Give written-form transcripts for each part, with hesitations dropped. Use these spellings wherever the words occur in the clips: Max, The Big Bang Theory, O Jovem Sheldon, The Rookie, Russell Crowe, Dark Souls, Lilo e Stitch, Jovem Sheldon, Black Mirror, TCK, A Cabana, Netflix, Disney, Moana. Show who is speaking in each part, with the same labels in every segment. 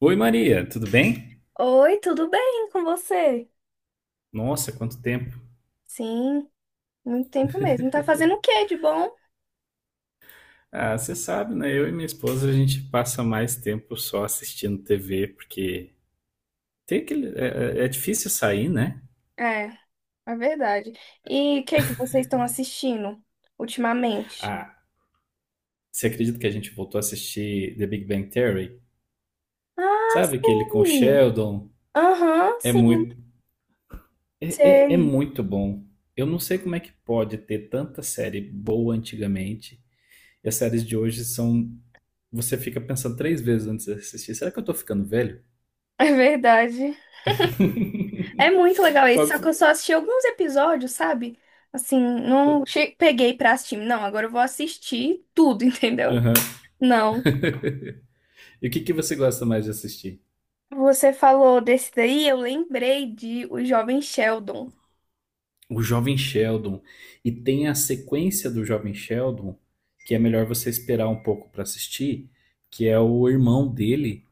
Speaker 1: Oi Maria, tudo bem?
Speaker 2: Oi, tudo bem com você?
Speaker 1: Nossa, quanto tempo.
Speaker 2: Sim, muito tempo mesmo. Tá fazendo o que de bom?
Speaker 1: Ah, você sabe, né? Eu e minha esposa a gente passa mais tempo só assistindo TV, porque tem aquele, é difícil sair, né?
Speaker 2: É, é verdade. E o que que vocês estão assistindo ultimamente?
Speaker 1: Ah, você acredita que a gente voltou a assistir The Big Bang Theory?
Speaker 2: Ah,
Speaker 1: Sabe aquele com o
Speaker 2: sei.
Speaker 1: Sheldon?
Speaker 2: Aham,
Speaker 1: É
Speaker 2: sim,
Speaker 1: muito, é
Speaker 2: sei.
Speaker 1: muito bom. Eu não sei como é que pode ter tanta série boa antigamente e as séries de hoje são. Você fica pensando três vezes antes de assistir. Será que eu tô ficando velho?
Speaker 2: É verdade. É muito legal esse,
Speaker 1: Qual
Speaker 2: só que eu
Speaker 1: que
Speaker 2: só assisti alguns episódios, sabe? Assim,
Speaker 1: foi?
Speaker 2: não che- peguei pra assistir. Não, agora eu vou assistir tudo, entendeu?
Speaker 1: Aham.
Speaker 2: Não.
Speaker 1: E o que que você gosta mais de assistir?
Speaker 2: Você falou desse daí, eu lembrei de O Jovem Sheldon.
Speaker 1: O Jovem Sheldon. E tem a sequência do Jovem Sheldon, que é melhor você esperar um pouco pra assistir, que é o irmão dele,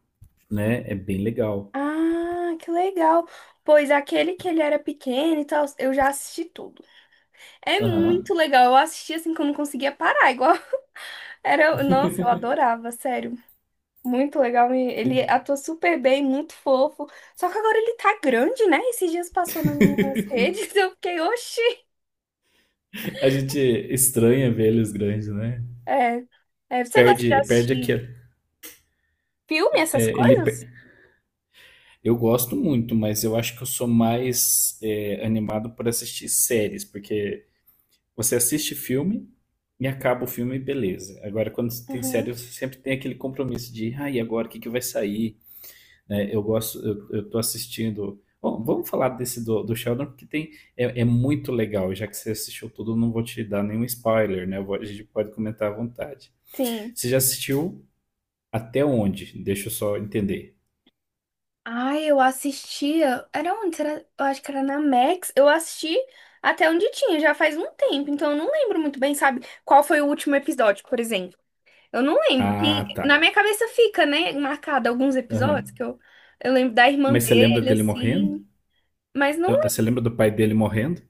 Speaker 1: né? É bem legal.
Speaker 2: Ah, que legal. Pois aquele que ele era pequeno e tal, eu já assisti tudo. É muito
Speaker 1: Aham.
Speaker 2: legal. Eu assisti assim que eu não conseguia parar, igual era, nossa, eu adorava, sério. Muito legal, e ele
Speaker 1: E-
Speaker 2: atua super bem, muito fofo. Só que agora ele tá grande, né? Esses dias passou nas minhas redes, eu fiquei, oxi.
Speaker 1: A gente estranha ver eles grandes, né?
Speaker 2: É, é, você gosta de
Speaker 1: Perde, perde aqui.
Speaker 2: assistir filme, essas
Speaker 1: é, ele,
Speaker 2: coisas?
Speaker 1: per- eu gosto muito, mas eu acho que eu sou mais animado por assistir séries, porque você assiste filme e acaba o filme, beleza. Agora, quando tem
Speaker 2: Uhum.
Speaker 1: série, você sempre tem aquele compromisso de, ah, e agora o que que vai sair? Né? Eu gosto, eu tô assistindo. Bom, vamos falar desse do Sheldon, porque tem, é muito legal. Já que você assistiu tudo, eu não vou te dar nenhum spoiler, né? A gente pode comentar à vontade.
Speaker 2: Sim.
Speaker 1: Você já assistiu até onde? Deixa eu só entender.
Speaker 2: Ai, eu assistia. Era onde? Será? Eu acho que era na Max. Eu assisti até onde tinha, já faz um tempo. Então eu não lembro muito bem, sabe? Qual foi o último episódio, por exemplo. Eu não lembro. Que
Speaker 1: Ah, tá.
Speaker 2: na minha cabeça fica, né? Marcado alguns episódios
Speaker 1: Aham.
Speaker 2: que eu lembro da irmã
Speaker 1: Mas você lembra
Speaker 2: dele,
Speaker 1: dele morrendo?
Speaker 2: assim. Mas não
Speaker 1: Ah, você
Speaker 2: lembro.
Speaker 1: lembra do pai dele morrendo?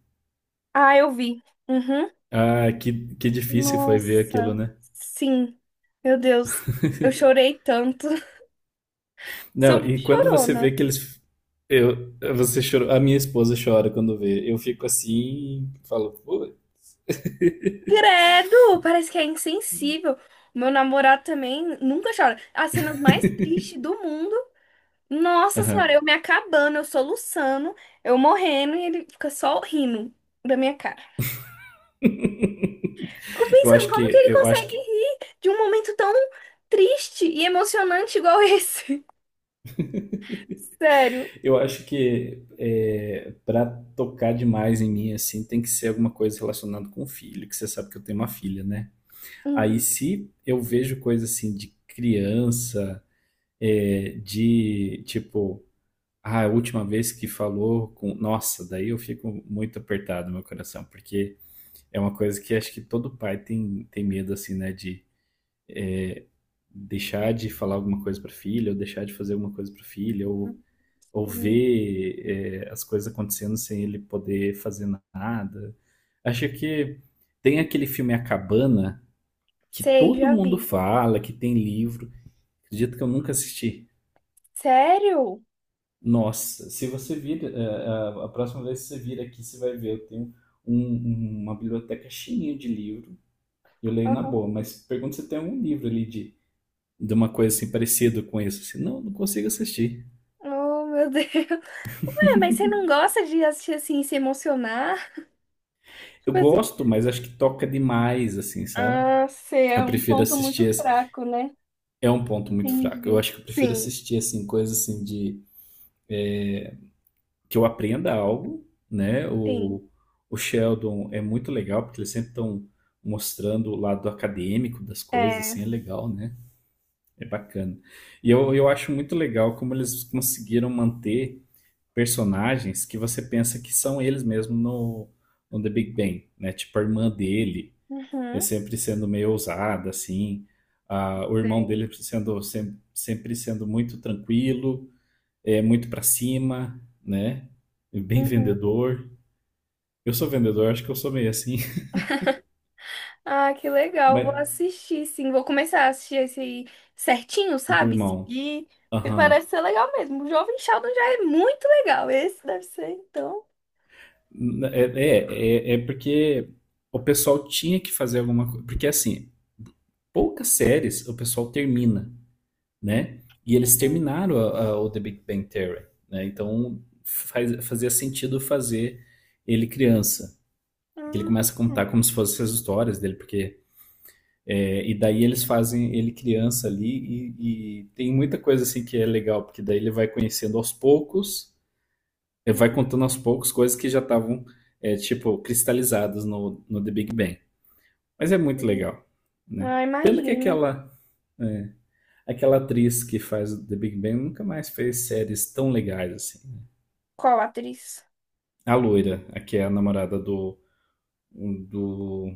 Speaker 2: Ah, eu vi. Uhum.
Speaker 1: Ah, que difícil foi ver aquilo,
Speaker 2: Nossa.
Speaker 1: né?
Speaker 2: Sim. Meu Deus. Eu chorei tanto. Sou
Speaker 1: Não,
Speaker 2: muito
Speaker 1: e quando você vê
Speaker 2: chorona.
Speaker 1: que eles. Eu, você chorou, a minha esposa chora quando vê. Eu fico assim, falo, pô.
Speaker 2: Credo, parece que é insensível. O Meu namorado também nunca chora. As cenas mais tristes do mundo. Nossa
Speaker 1: Aham.
Speaker 2: senhora, eu me acabando, eu soluçando, eu morrendo e ele fica só rindo da minha cara. Fico
Speaker 1: Eu
Speaker 2: pensando
Speaker 1: acho
Speaker 2: como que
Speaker 1: que,
Speaker 2: ele
Speaker 1: eu acho
Speaker 2: consegue
Speaker 1: que,
Speaker 2: rir de um momento tão triste e emocionante igual esse. Sério.
Speaker 1: eu acho que para tocar demais em mim assim, tem que ser alguma coisa relacionada com o filho, que você sabe que eu tenho uma filha, né? Aí
Speaker 2: Uhum.
Speaker 1: se eu vejo coisa assim de criança, é, de tipo, ah, a última vez que falou com, nossa, daí eu fico muito apertado no meu coração, porque é uma coisa que acho que todo pai tem, tem medo, assim, né? De deixar de falar alguma coisa para filha, ou deixar de fazer alguma coisa para filha, ou
Speaker 2: Uhum.
Speaker 1: ver as coisas acontecendo sem ele poder fazer nada. Acho que tem aquele filme A Cabana, que
Speaker 2: Sei,
Speaker 1: todo
Speaker 2: já
Speaker 1: mundo
Speaker 2: vi.
Speaker 1: fala, que tem livro. Acredito que eu nunca assisti.
Speaker 2: Sério?
Speaker 1: Nossa, se você vir, a próxima vez que você vir aqui, você vai ver. Eu tenho um- uma biblioteca cheinha de livro. Eu leio na
Speaker 2: Aham.
Speaker 1: boa, mas pergunta se tem algum livro ali de uma coisa assim parecida com isso. Assim, não consigo assistir.
Speaker 2: Oh, meu Deus. Ué, mas você não gosta de assistir assim e se emocionar?
Speaker 1: Eu
Speaker 2: Tipo assim,
Speaker 1: gosto, mas acho que toca demais, assim, sabe?
Speaker 2: ah, sei, é
Speaker 1: Eu
Speaker 2: um
Speaker 1: prefiro
Speaker 2: ponto muito
Speaker 1: assistir. Assim,
Speaker 2: fraco, né?
Speaker 1: é um ponto muito fraco. Eu
Speaker 2: Entendi.
Speaker 1: acho que eu prefiro
Speaker 2: Sim,
Speaker 1: assistir assim coisas assim de que eu aprenda algo, né?
Speaker 2: sim.
Speaker 1: O Sheldon é muito legal porque eles sempre estão mostrando o lado acadêmico das coisas, assim
Speaker 2: É.
Speaker 1: é legal, né? É bacana. E eu acho muito legal como eles conseguiram manter personagens que você pensa que são eles mesmo no The Big Bang, né? Tipo a irmã dele, é
Speaker 2: Uhum,
Speaker 1: sempre sendo meio ousada, assim. Ah, o irmão
Speaker 2: sei.
Speaker 1: dele sendo sempre sendo muito tranquilo, é muito pra cima, né? E bem
Speaker 2: Uhum.
Speaker 1: vendedor. Eu sou vendedor, acho que eu sou meio assim.
Speaker 2: Ah, que legal.
Speaker 1: Mas
Speaker 2: Vou assistir, sim. Vou começar a assistir esse aí certinho,
Speaker 1: o do
Speaker 2: sabe?
Speaker 1: irmão,
Speaker 2: Seguir. Porque
Speaker 1: aham.
Speaker 2: parece ser legal mesmo. O Jovem Sheldon já é muito legal. Esse deve ser, então.
Speaker 1: É, é porque o pessoal tinha que fazer alguma coisa. Porque assim, poucas séries o pessoal termina. Né? E eles
Speaker 2: Hum.
Speaker 1: terminaram o The Big Bang Theory, né? Então fazia sentido fazer ele criança. Ele começa a contar como se fossem as histórias dele, porque é, e daí eles fazem ele criança ali e tem muita coisa assim que é legal, porque daí ele vai conhecendo aos poucos, ele vai contando aos poucos coisas que já estavam tipo cristalizadas no The Big Bang. Mas é muito legal, né?
Speaker 2: Ah,
Speaker 1: Pena que
Speaker 2: imagino.
Speaker 1: aquela é, aquela atriz que faz The Big Bang nunca mais fez séries tão legais assim.
Speaker 2: Qual atriz?
Speaker 1: A loira, a que é a namorada um, do,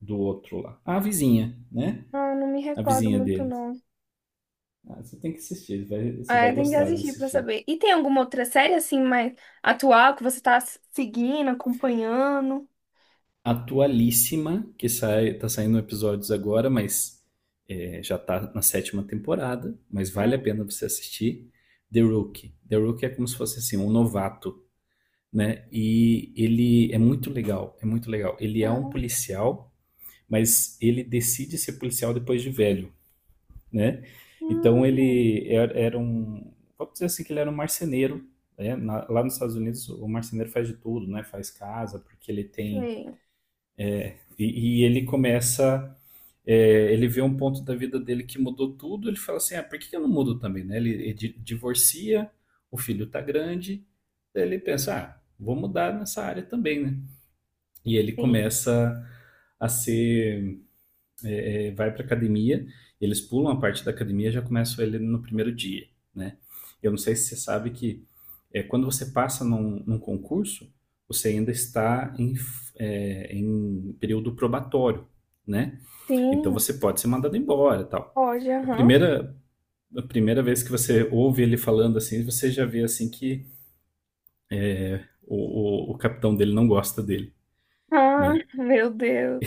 Speaker 1: do outro lá. A vizinha, né?
Speaker 2: Ah, não me
Speaker 1: A
Speaker 2: recordo
Speaker 1: vizinha
Speaker 2: muito,
Speaker 1: deles.
Speaker 2: não.
Speaker 1: Ah, você tem que assistir, você vai
Speaker 2: Ah, tem que
Speaker 1: gostar de
Speaker 2: assistir pra
Speaker 1: assistir.
Speaker 2: saber. E tem alguma outra série assim mais atual que você tá seguindo, acompanhando?
Speaker 1: Atualíssima, que sai, tá saindo episódios agora, mas é, já tá na sétima temporada, mas vale a
Speaker 2: Hum.
Speaker 1: pena você assistir. The Rookie. The Rookie é como se fosse assim, um novato, né? E ele é muito legal, é muito legal. Ele é um
Speaker 2: Ah,
Speaker 1: policial mas ele decide ser policial depois de velho, né? Então
Speaker 2: hum.
Speaker 1: era um, vamos dizer assim que ele era um marceneiro, né? Na- lá nos Estados Unidos o marceneiro faz de tudo, né? Faz casa porque ele tem
Speaker 2: Tem,
Speaker 1: e ele começa é, ele vê um ponto da vida dele que mudou tudo, ele fala assim, ah, por que que eu não mudo também, né? Divorcia, o filho tá grande, daí ele pensa, ah, vou mudar nessa área também, né? E ele
Speaker 2: sim,
Speaker 1: começa a ser vai para academia, eles pulam a parte da academia e já começam ele no primeiro dia, né? Eu não sei se você sabe que é, quando você passa num concurso, você ainda está em, é, em período probatório, né? Então
Speaker 2: tem.
Speaker 1: você pode ser mandado embora, e tal.
Speaker 2: Pode,
Speaker 1: A
Speaker 2: aham.
Speaker 1: primeira a primeira vez que você ouve ele falando assim, você já vê assim que o capitão dele não gosta dele,
Speaker 2: Ah,
Speaker 1: né?
Speaker 2: meu Deus.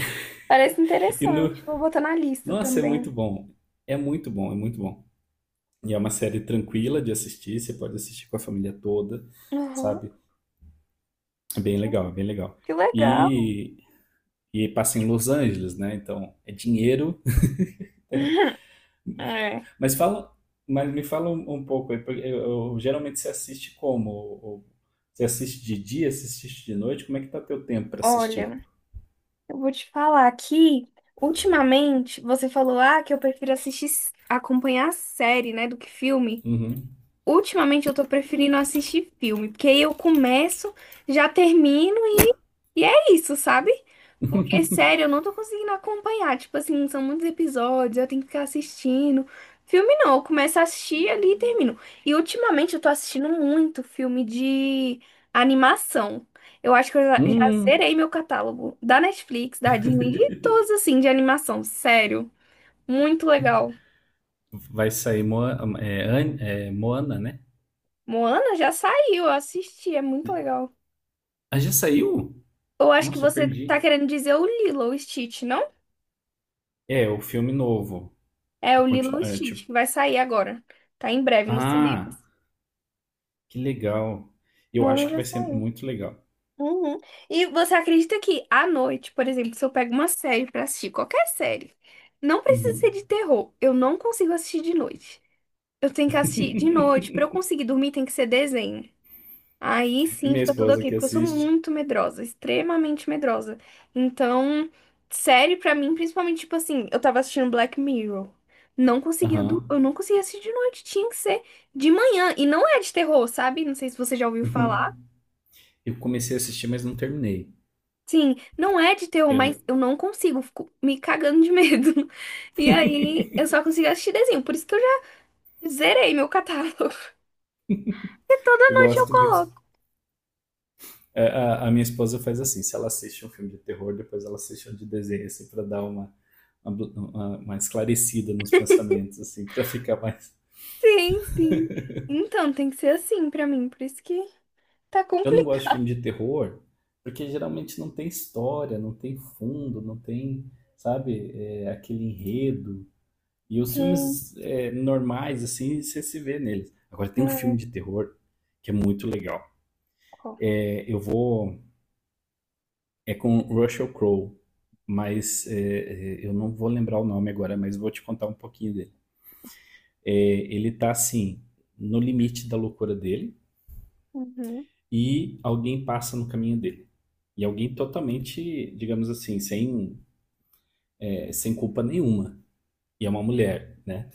Speaker 2: Parece
Speaker 1: E no,
Speaker 2: interessante. Vou botar na lista
Speaker 1: nossa, é muito
Speaker 2: também.
Speaker 1: bom, é muito bom, é muito bom. E é uma série tranquila de assistir, você pode assistir com a família toda,
Speaker 2: Aham.
Speaker 1: sabe? É bem legal, é bem legal.
Speaker 2: Que legal.
Speaker 1: E, e passa em Los Angeles, né? Então é dinheiro.
Speaker 2: É.
Speaker 1: Mas fala, mas me fala um, um pouco, aí, porque eu, geralmente você assiste como? Ou Você assiste de dia, você assiste de noite? Como é que tá teu tempo para assistir?
Speaker 2: Olha, eu vou te falar aqui. Ultimamente, você falou, ah, que eu prefiro assistir, acompanhar série, né, do que filme.
Speaker 1: Uhum.
Speaker 2: Ultimamente eu tô preferindo assistir filme, porque aí eu começo, já termino e é isso, sabe? Porque, sério, eu não tô conseguindo acompanhar. Tipo assim, são muitos episódios, eu tenho que ficar assistindo. Filme não, eu começo a assistir ali e termino. E ultimamente eu tô assistindo muito filme de animação. Eu acho que eu já
Speaker 1: Hum,
Speaker 2: zerei meu catálogo da Netflix, da Disney, de todos assim, de animação. Sério, muito legal.
Speaker 1: vai sair Moana, né?
Speaker 2: Moana já saiu, eu assisti, é muito legal.
Speaker 1: Ah, já saiu?
Speaker 2: Eu acho que
Speaker 1: Nossa, eu
Speaker 2: você tá
Speaker 1: perdi.
Speaker 2: querendo dizer o Lilo e Stitch, não?
Speaker 1: É, o filme novo.
Speaker 2: É
Speaker 1: A
Speaker 2: o Lilo
Speaker 1: continu-
Speaker 2: e
Speaker 1: é,
Speaker 2: Stitch,
Speaker 1: tipo
Speaker 2: que vai sair agora. Tá em breve nos
Speaker 1: Ah,
Speaker 2: cinemas.
Speaker 1: que legal. Eu
Speaker 2: Moana
Speaker 1: acho que
Speaker 2: já
Speaker 1: vai ser
Speaker 2: saiu.
Speaker 1: muito legal.
Speaker 2: Uhum. E você acredita que à noite, por exemplo, se eu pego uma série pra assistir, qualquer série, não precisa ser
Speaker 1: Uhum.
Speaker 2: de terror. Eu não consigo assistir de noite. Eu tenho que assistir de noite. Pra eu conseguir dormir, tem que ser desenho. Aí sim
Speaker 1: Minha
Speaker 2: fica tudo
Speaker 1: esposa
Speaker 2: ok,
Speaker 1: que
Speaker 2: porque eu sou
Speaker 1: assiste.
Speaker 2: muito medrosa, extremamente medrosa. Então, série pra mim, principalmente, tipo assim, eu tava assistindo Black Mirror. Não conseguia,
Speaker 1: Aham.
Speaker 2: eu não conseguia assistir de noite, tinha que ser de manhã. E não é de terror, sabe? Não sei se você já ouviu
Speaker 1: Uhum.
Speaker 2: falar.
Speaker 1: Eu comecei a assistir, mas não terminei.
Speaker 2: Sim, não é de terror, mas
Speaker 1: Eu,
Speaker 2: eu não consigo, fico me cagando de medo. E aí, eu só consigo assistir desenho, por isso que eu já zerei meu catálogo. E toda
Speaker 1: eu
Speaker 2: noite eu
Speaker 1: gosto muito.
Speaker 2: coloco.
Speaker 1: A minha esposa faz assim: se ela assiste um filme de terror, depois ela assiste um de desenho, assim, pra dar uma, uma esclarecida nos pensamentos, assim, pra ficar mais.
Speaker 2: Sim, sim. Então, tem que ser assim pra mim, por isso que tá
Speaker 1: Eu não
Speaker 2: complicado.
Speaker 1: gosto de filme de terror, porque geralmente não tem história, não tem fundo, não tem, sabe, é, aquele enredo. E os
Speaker 2: Sim,
Speaker 1: filmes normais, assim, você se vê neles. Agora tem um
Speaker 2: é.
Speaker 1: filme de terror que é muito legal.
Speaker 2: Ó,
Speaker 1: É, eu vou. É com Russell Crowe, mas eu não vou lembrar o nome agora, mas vou te contar um pouquinho dele. É, ele tá assim, no limite da loucura dele,
Speaker 2: uhum.
Speaker 1: e alguém passa no caminho dele. E alguém totalmente, digamos assim, sem culpa nenhuma. E é uma mulher, né?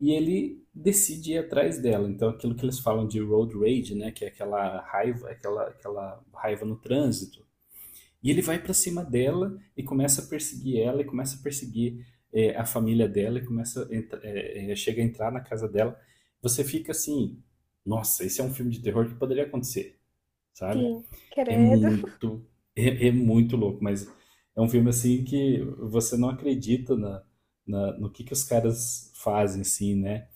Speaker 1: E ele decide ir atrás dela. Então, aquilo que eles falam de road rage, né, que é aquela raiva, aquela raiva no trânsito. E ele vai para cima dela e começa a perseguir ela, e começa a perseguir a família dela, e começa a chega a entrar na casa dela. Você fica assim, nossa, esse é um filme de terror que poderia acontecer, sabe?
Speaker 2: Sim,
Speaker 1: É
Speaker 2: credo.
Speaker 1: muito, é muito louco, mas é um filme assim que você não acredita no que os caras fazem, assim, né?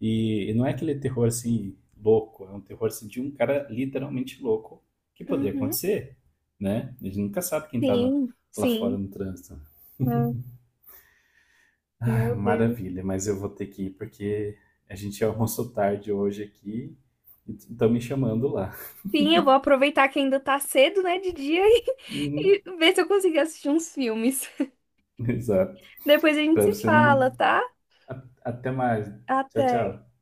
Speaker 1: E não é aquele terror assim louco, é um terror assim, de um cara literalmente louco que poderia
Speaker 2: Uhum.
Speaker 1: acontecer, né? A gente nunca sabe quem
Speaker 2: Sim,
Speaker 1: lá fora
Speaker 2: sim.
Speaker 1: no trânsito.
Speaker 2: Ah,
Speaker 1: Ah,
Speaker 2: meu Deus.
Speaker 1: maravilha, mas eu vou ter que ir porque a gente almoçou tarde hoje aqui e estão me chamando lá.
Speaker 2: Sim, eu vou aproveitar que ainda tá cedo, né, de dia e,
Speaker 1: Uhum,
Speaker 2: e ver se eu consigo assistir uns filmes.
Speaker 1: exato.
Speaker 2: Depois a gente
Speaker 1: Para
Speaker 2: se
Speaker 1: você
Speaker 2: fala,
Speaker 1: não.
Speaker 2: tá?
Speaker 1: Até mais. Tchau,
Speaker 2: Até.
Speaker 1: tchau.